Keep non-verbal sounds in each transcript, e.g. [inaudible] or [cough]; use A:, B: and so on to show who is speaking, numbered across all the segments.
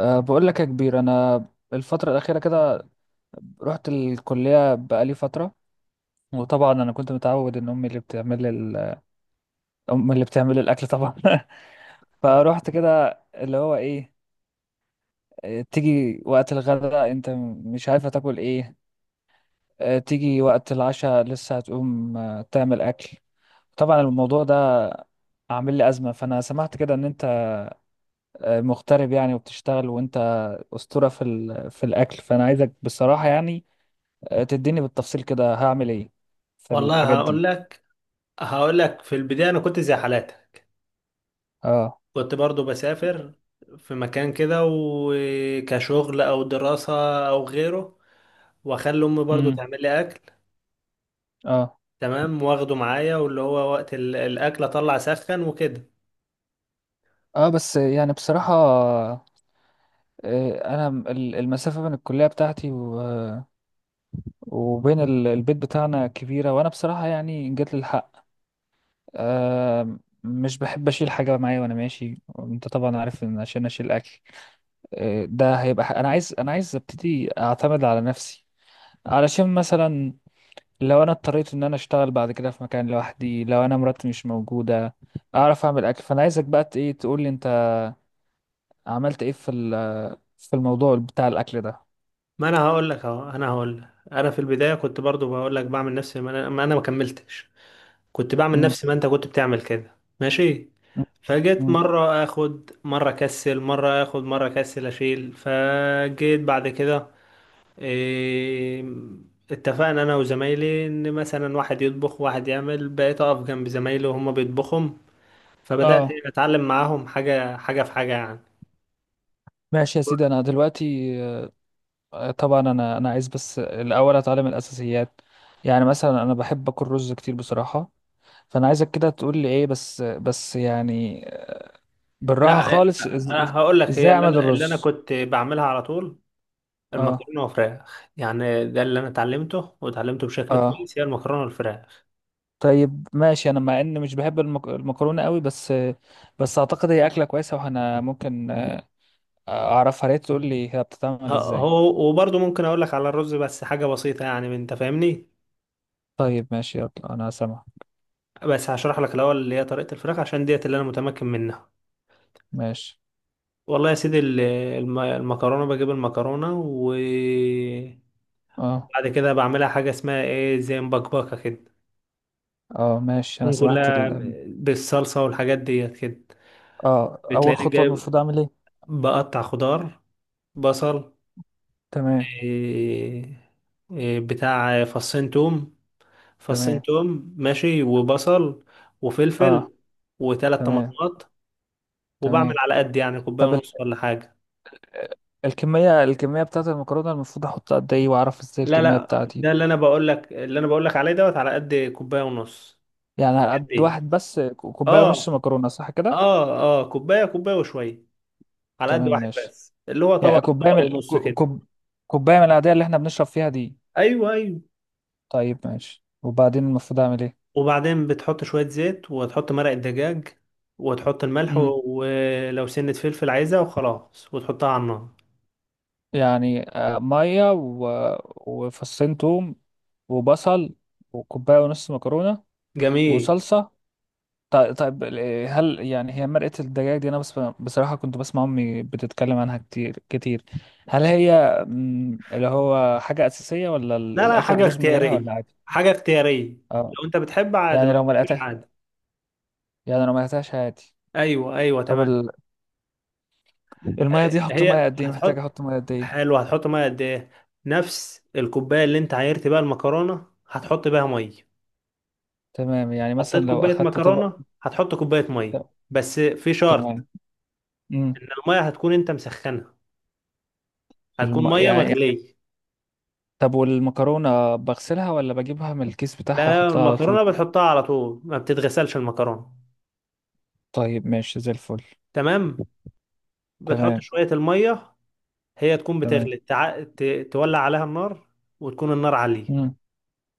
A: بقول لك يا كبير، انا الفتره الاخيره كده رحت الكليه بقالي فتره. وطبعا انا كنت متعود ان امي اللي بتعمل لي [laughs] امي اللي بتعمل لي الاكل طبعا. [laughs] فروحت كده اللي هو ايه، تيجي وقت الغداء انت مش عارفه تاكل ايه، تيجي وقت العشاء لسه هتقوم تعمل اكل. طبعا الموضوع ده عامل لي ازمه. فانا سمعت كده ان انت مغترب يعني وبتشتغل، وانت اسطوره في الاكل. فانا عايزك بصراحه، يعني تديني بالتفصيل كده هعمل ايه في
B: والله،
A: الحاجات
B: هقول
A: دي.
B: لك هقول لك في البداية أنا كنت زي حالاتك.
A: اه.
B: كنت برضو بسافر في مكان كده، وكشغل أو دراسة أو غيره، وأخلي أمي برضو
A: امم.
B: تعمل لي أكل.
A: اه.
B: تمام، واخده معايا، واللي هو وقت الأكل أطلع سخن وكده.
A: اه بس يعني بصراحة، انا المسافة بين الكلية بتاعتي وبين البيت بتاعنا كبيرة. وانا بصراحة يعني إن جات للحق، آه، مش بحب اشيل حاجة معايا وانا ماشي. انت طبعا عارف ان عشان اشيل اكل، ده هيبقى انا عايز ابتدي اعتمد على نفسي. علشان مثلا لو انا اضطريت ان انا اشتغل بعد كده في مكان لوحدي، لو انا مراتي مش موجوده اعرف اعمل اكل. فانا عايزك بقى ايه تقول لي انت عملت ايه في في الموضوع بتاع الاكل ده.
B: ما أنا هقول لك أهو، أنا هقول لك أنا في البداية كنت برضو بقول لك بعمل نفسي. ما أنا ما كملتش. كنت بعمل
A: امم.
B: نفس ما انت كنت بتعمل كده، ماشي. فجيت
A: امم.
B: مرة اخد مرة اكسل، مرة اخد مرة اكسل اشيل. فجيت بعد كده إيه اتفقنا انا وزمايلي ان مثلا واحد يطبخ واحد يعمل، بقيت اقف جنب زمايلي وهما بيطبخهم، فبدأت
A: اه.
B: اتعلم معاهم حاجة حاجة في حاجة يعني.
A: ماشي يا سيدي. انا دلوقتي طبعا انا عايز بس الاول اتعلم الاساسيات. يعني مثلا انا بحب اكل رز كتير بصراحه، فانا عايزك كده تقول لي ايه، بس بس يعني بالراحه
B: لا،
A: خالص.
B: انا هقول لك
A: ازاي
B: هي اللي
A: اعمل
B: انا اللي انا
A: الرز؟
B: كنت بعملها على طول،
A: اه.
B: المكرونة والفراخ. يعني ده اللي انا اتعلمته واتعلمته بشكل
A: اه.
B: كويس، هي المكرونة والفراخ.
A: طيب ماشي، انا مع اني مش بحب المكرونه قوي، بس بس اعتقد هي اكله كويسه وانا ممكن اعرفها. ليه تقول لي هي بتتعمل ازاي؟
B: هو وبرضه ممكن اقول لك على الرز، بس حاجه بسيطه يعني، من- انت فاهمني.
A: طيب ماشي، يلا انا سامع.
B: بس هشرح لك الاول اللي هي طريقه الفراخ عشان ديت اللي انا متمكن منها.
A: ماشي.
B: والله يا سيدي، المكرونه بجيب المكرونه، وبعد
A: اه.
B: كده بعملها حاجه اسمها زي مبكبكه كده،
A: اه. ماشي انا
B: تكون
A: سمعت
B: كلها بالصلصه والحاجات ديت كده.
A: اه، اول
B: بتلاقيني
A: خطوه
B: جايب،
A: المفروض اعمل ايه؟
B: بقطع خضار، بصل،
A: تمام.
B: إيه إيه بتاع فصين توم فصين
A: تمام.
B: توم ماشي، وبصل
A: اه.
B: وفلفل وثلاث
A: تمام.
B: طماطمات. وبعمل
A: تمام.
B: على قد يعني كوبايه
A: طب
B: ونص ولا حاجه.
A: الكميه بتاعت المكرونه المفروض احط قد ايه، واعرف ازاي
B: لا،
A: الكميه
B: لا،
A: بتاعتي؟
B: ده اللي انا بقول لك اللي انا بقول لك عليه دوت، على قد كوبايه ونص.
A: يعني على
B: قد
A: قد
B: ايه؟
A: واحد بس، كوبايه
B: اه،
A: ونص مكرونه صح كده؟
B: اه، اه، كوبايه، كوبايه وشويه، على قد
A: تمام
B: واحد
A: ماشي.
B: بس اللي هو طبق
A: يعني كوباية
B: طبق ونص كده.
A: كوباية من العادية اللي احنا بنشرب فيها دي؟
B: ايوه، ايوه.
A: طيب ماشي، وبعدين المفروض اعمل ايه؟
B: وبعدين بتحط شويه زيت، وتحط مرق الدجاج، وتحط الملح
A: امم.
B: و- ولو سنة فلفل عايزة، وخلاص، وتحطها على النار.
A: يعني مية وفصين توم وبصل وكوباية ونص مكرونة
B: جميل.
A: وصلصة. طيب، طيب هل يعني هي مرقة الدجاج دي، انا بس بصراحة كنت بسمع امي بتتكلم عنها كتير كتير، هل هي اللي هو حاجة أساسية، ولا
B: لا، لا،
A: الأكلة
B: حاجة
A: تبوظ من غيرها، ولا
B: اختيارية،
A: عادي؟
B: حاجة اختيارية. لو
A: اه،
B: انت بتحب عادي، ما
A: يعني لو
B: بتحبش
A: مرقتها
B: عادي.
A: يعني لو مرقتهاش عادي؟
B: ايوه، ايوه،
A: طب
B: تمام.
A: المية دي احط مية
B: هي
A: قد ايه، محتاج
B: هتحط
A: احط مية قد ايه؟
B: حلو هتحط ميه قد ايه؟ نفس الكوباية اللي انت عايرت بيها المكرونة، هتحط بيها ميه.
A: تمام. يعني
B: حطيت
A: مثلا لو
B: كوباية
A: اخدت طبق.
B: مكرونة هتحط كوباية ميه.
A: ت-
B: بس في شرط،
A: تمام. امم.
B: ان الميه هتكون انت مسخنها، هتكون ميه
A: يعني
B: مغلية.
A: طب، والمكرونة بغسلها، ولا بجيبها من الكيس
B: لا،
A: بتاعها
B: لا،
A: احطها على طول؟
B: المكرونة بتحطها على طول، ما بتتغسلش المكرونة.
A: طيب ماشي، زي الفل.
B: تمام. بتحط
A: تمام.
B: شوية الميه، هي تكون
A: تمام.
B: بتغلي، تولع عليها النار، وتكون النار عالية،
A: امم.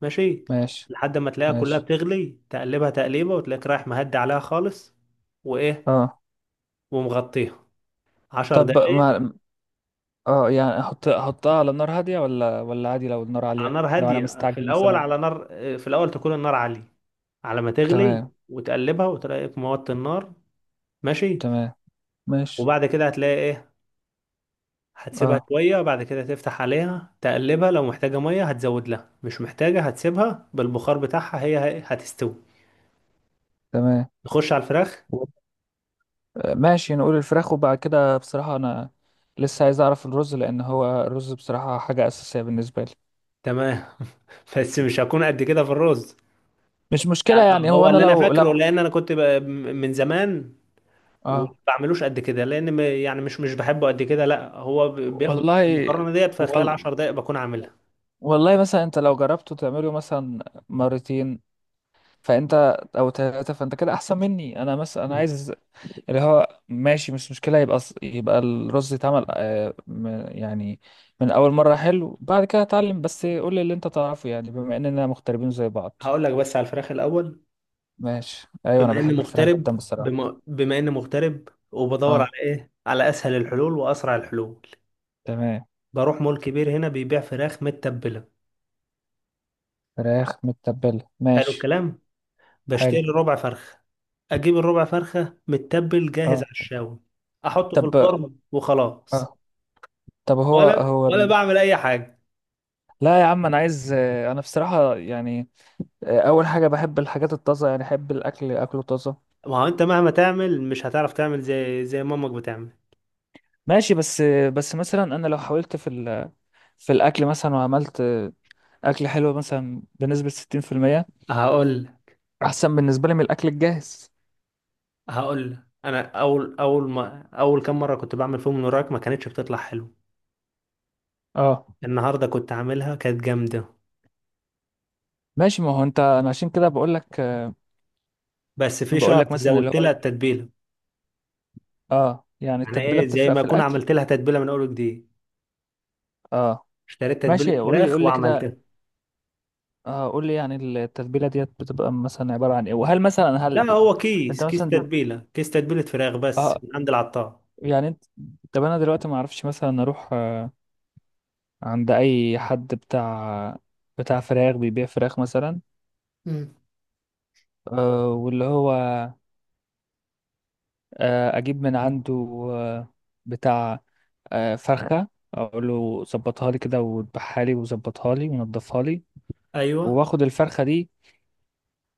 B: ماشي.
A: ماشي.
B: لحد ما تلاقيها كلها
A: ماشي.
B: بتغلي، تقلبها تقليبة، وتلاقيك رايح مهدي عليها خالص. وإيه
A: اه.
B: ومغطيها عشر
A: طب
B: دقايق.
A: ما. اه يعني احطها على نار هادية، ولا ولا عادي لو النار
B: على
A: عالية
B: نار
A: لو انا
B: هادية في
A: مستعجل
B: الأول،
A: مثلا؟
B: على نار، في الأول تكون النار عالية على ما تغلي،
A: تمام.
B: وتقلبها، وتلاقيك موطي النار، ماشي.
A: تمام. ماشي.
B: وبعد كده هتلاقي هتسيبها
A: اه.
B: شوية، بعد كده تفتح عليها تقلبها، لو محتاجة مية هتزود لها، مش محتاجة هتسيبها بالبخار بتاعها، هتستوي.
A: تمام.
B: نخش على الفراخ.
A: ماشي، نقول الفراخ. وبعد كده بصراحة أنا لسه عايز أعرف الرز، لأن هو الرز بصراحة حاجة أساسية بالنسبة لي.
B: تمام. [laughs] بس مش هكون قد كده في الرز،
A: مش مشكلة
B: يعني
A: يعني، هو
B: هو
A: أنا
B: اللي انا
A: لو
B: فاكره،
A: لو
B: لان انا كنت ب- من زمان، وما
A: آه
B: بعملوش قد كده، لان م- يعني مش مش بحبه قد كده. لا هو ب- بياخد وقت.
A: والله.
B: المكرونه ديت في خلال
A: وال...
B: 10 دقائق بكون عاملها.
A: والله مثلا أنت لو جربته تعمله مثلا مرتين فأنت، أو ثلاثة فأنت كده أحسن مني. أنا مثلا أنا
B: مم.
A: عايز اللي هو ماشي، مش مشكلة. يبقى يبقى الرز يتعمل يعني من أول مرة حلو. بعد كده أتعلم، بس قول لي اللي أنت تعرفه يعني، بما إننا مغتربين زي بعض.
B: هقول لك بس على الفراخ الاول.
A: ماشي ايوه، انا
B: بما اني
A: بحب الفراخ
B: مغترب
A: جدا بصراحه.
B: بما اني مغترب وبدور على
A: اه.
B: ايه، على اسهل الحلول واسرع الحلول.
A: تمام.
B: بروح مول كبير هنا بيبيع فراخ متبله.
A: فراخ متبله
B: حلو
A: ماشي.
B: الكلام.
A: حلو.
B: بشتري ربع فرخة، أجيب الربع فرخة متبل جاهز
A: اه.
B: على الشاوي، أحطه في
A: طب.
B: الفرن وخلاص.
A: اه هو
B: ولا
A: هو
B: ولا بعمل أي حاجة.
A: لا يا عم، انا عايز انا بصراحه يعني اول حاجه بحب الحاجات الطازه، يعني احب الاكل اكله طازه.
B: ما هو أنت مهما تعمل مش هتعرف تعمل زي مامك بتعمل.
A: ماشي بس، مثلا انا لو حاولت في في الاكل مثلا، وعملت اكل حلو مثلا بنسبه 60%،
B: هقول
A: احسن بالنسبه لي من الاكل الجاهز.
B: هقول أنا أول أول ما أول كام مرة كنت بعمل فيهم من وراك ما كانتش بتطلع حلو.
A: اه
B: النهاردة كنت عاملها كانت جامدة،
A: ماشي. ما هو انت، انا عشان كده بقول لك،
B: بس في شرط،
A: مثلا اللي
B: زودت
A: هو،
B: لها التتبيلة.
A: اه يعني
B: يعني
A: التتبيلة
B: إيه، زي
A: بتفرق
B: ما
A: في
B: أكون
A: الأكل.
B: عملت لها تتبيلة من أول وجديد،
A: اه
B: اشتريت
A: ماشي،
B: تتبيلة
A: قول لي
B: فراخ
A: قول لي كده.
B: وعملتها.
A: اه، قول لي يعني التتبيلة ديت بتبقى مثلا عبارة عن ايه، وهل مثلا هل
B: لا، هو
A: انت
B: كيس، كيس
A: مثلا
B: تتبيله كيس تتبيله فراخ بس
A: اه
B: من عند العطار.
A: يعني انت، طب انا دلوقتي ما اعرفش مثلا اروح آه عند اي حد بتاع فراخ بيبيع فراخ مثلا
B: مم.
A: واللي هو اجيب من عنده آه بتاع فرخة، اقول له ظبطها لي كده، وذبحها لي وظبطها لي ونضفها لي.
B: ايوه،
A: واخد الفرخة دي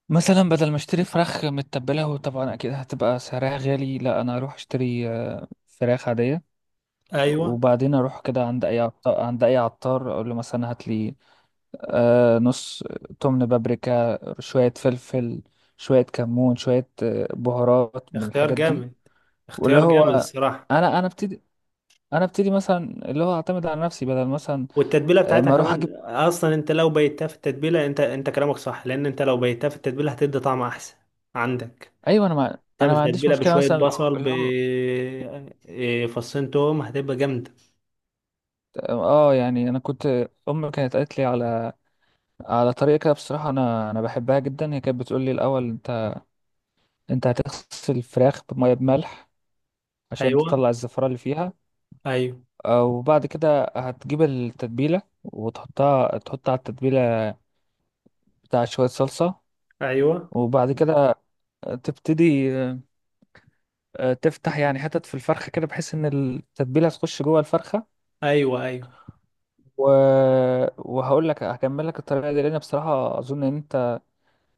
A: مثلا بدل ما اشتري فراخ متبلة، وطبعا اكيد هتبقى سعرها غالي. لا، انا اروح اشتري فراخ عادية،
B: ايوه.
A: وبعدين اروح كده عند اي عطار، عند اي عطار اقول له مثلا هات لي نص تمن بابريكا، شوية فلفل، شوية كمون، شوية بهارات من
B: اختيار
A: الحاجات دي.
B: جامد
A: واللي
B: اختيار
A: هو
B: جامد الصراحه.
A: انا انا ابتدي انا ابتدي مثلا اللي هو اعتمد على نفسي، بدل مثلا
B: والتتبيله بتاعتها
A: ما اروح اجيب.
B: كمان اصلا، انت لو بيتها في التتبيله، انت كلامك صح، لان انت لو بيتها في التتبيله هتدي طعم احسن. عندك،
A: ايوه، انا
B: تعمل
A: ما عنديش
B: تتبيله
A: مشكلة
B: بشويه
A: مثلا اللي هو،
B: بصل ب فصين توم، هتبقى جامده.
A: اه يعني انا كنت امي كانت قالت لي على طريقة كده بصراحة، أنا بحبها جدا. هي كانت بتقول لي الأول، أنت هتغسل الفراخ بمية بملح عشان
B: ايوه،
A: تطلع الزفرة اللي فيها.
B: ايوه،
A: وبعد كده هتجيب التتبيلة وتحطها، على التتبيلة بتاع شوية صلصة.
B: ايوه،
A: وبعد كده تبتدي تفتح يعني حتت في الفرخة كده، بحيث إن التتبيلة تخش جوه الفرخة.
B: ايوه، ايوه.
A: و... وهقول لك هكمل لك الطريقة دي، لأن بصراحة أظن إن أنت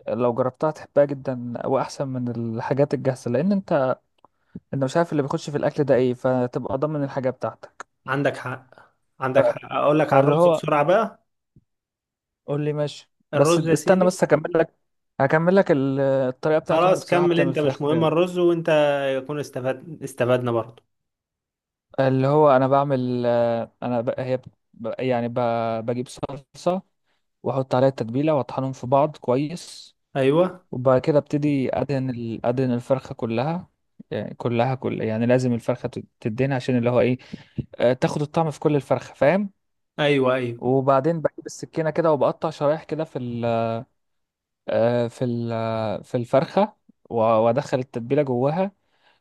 A: لو جربتها هتحبها جدا، وأحسن من الحاجات الجاهزة. لأن أنت، انت مش عارف اللي بيخش في الاكل ده ايه، فتبقى ضامن الحاجه بتاعتك.
B: عندك حق،
A: ف-
B: عندك حق، اقول لك على
A: فاللي
B: الرز
A: هو
B: بسرعه بقى.
A: قول لي. ماشي بس
B: الرز يا
A: استنى،
B: سيدي.
A: بس هكمل لك. هكمل لك الطريقه بتاعت امي
B: خلاص،
A: بصراحه
B: كمل
A: بتعمل
B: انت، مش
A: فراخ.
B: مهم الرز، وانت يكون استفاد، استفدنا برضه.
A: اللي هو انا بعمل آه، انا ب... هي ب... بجيب صلصه، واحط عليها التتبيله، واطحنهم في بعض كويس.
B: ايوه،
A: وبعد كده ابتدي ادهن ادهن الفرخه كلها. يعني كلها، يعني لازم الفرخه تدهن، عشان اللي هو ايه، تاخد الطعم في كل الفرخه، فاهم؟
B: ايوه، ايوه،
A: وبعدين بجيب السكينة كده وبقطع شرايح كده في ال آه، في ال آه، في الفرخة، وأدخل التتبيلة جواها،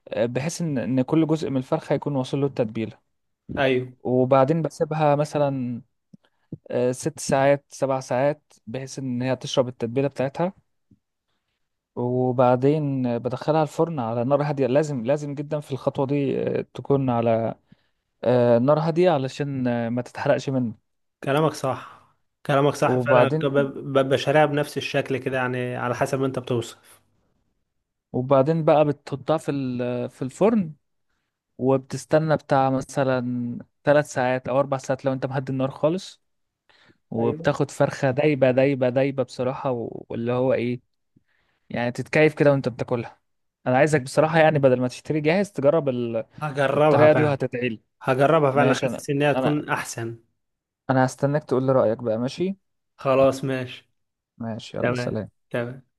A: بحيث إن كل جزء من الفرخة يكون واصل له التتبيلة.
B: ايوه.
A: وبعدين بسيبها مثلا 6 ساعات 7 ساعات، بحيث إن هي تشرب التتبيلة بتاعتها. وبعدين بدخلها الفرن على نار هادية. لازم لازم جدا في الخطوة دي تكون على نار هادية، علشان ما تتحرقش منه.
B: كلامك صح، كلامك صح فعلا. ب-
A: وبعدين
B: ب- ببقى شاريها بنفس الشكل كده يعني على حسب ما انت بتوصف.
A: وبعدين بقى بتحطها في في الفرن، وبتستنى بتاع مثلا 3 ساعات او 4 ساعات لو انت مهدي النار خالص.
B: ايوه،
A: وبتاخد فرخة دايبة دايبة دايبة بصراحة، واللي هو ايه، يعني تتكيف كده وانت بتاكلها. انا عايزك بصراحة يعني بدل ما تشتري جاهز، تجرب
B: هجربها
A: الطريقة دي
B: فعلا.
A: وهتدعيلي.
B: هجربها فعلا،
A: ماشي.
B: حاسس انها
A: انا
B: تكون احسن.
A: انا هستناك تقول لي رأيك بقى. ماشي.
B: خلاص، ماشي.
A: ماشي يلا.
B: تمام،
A: سلام.
B: تمام.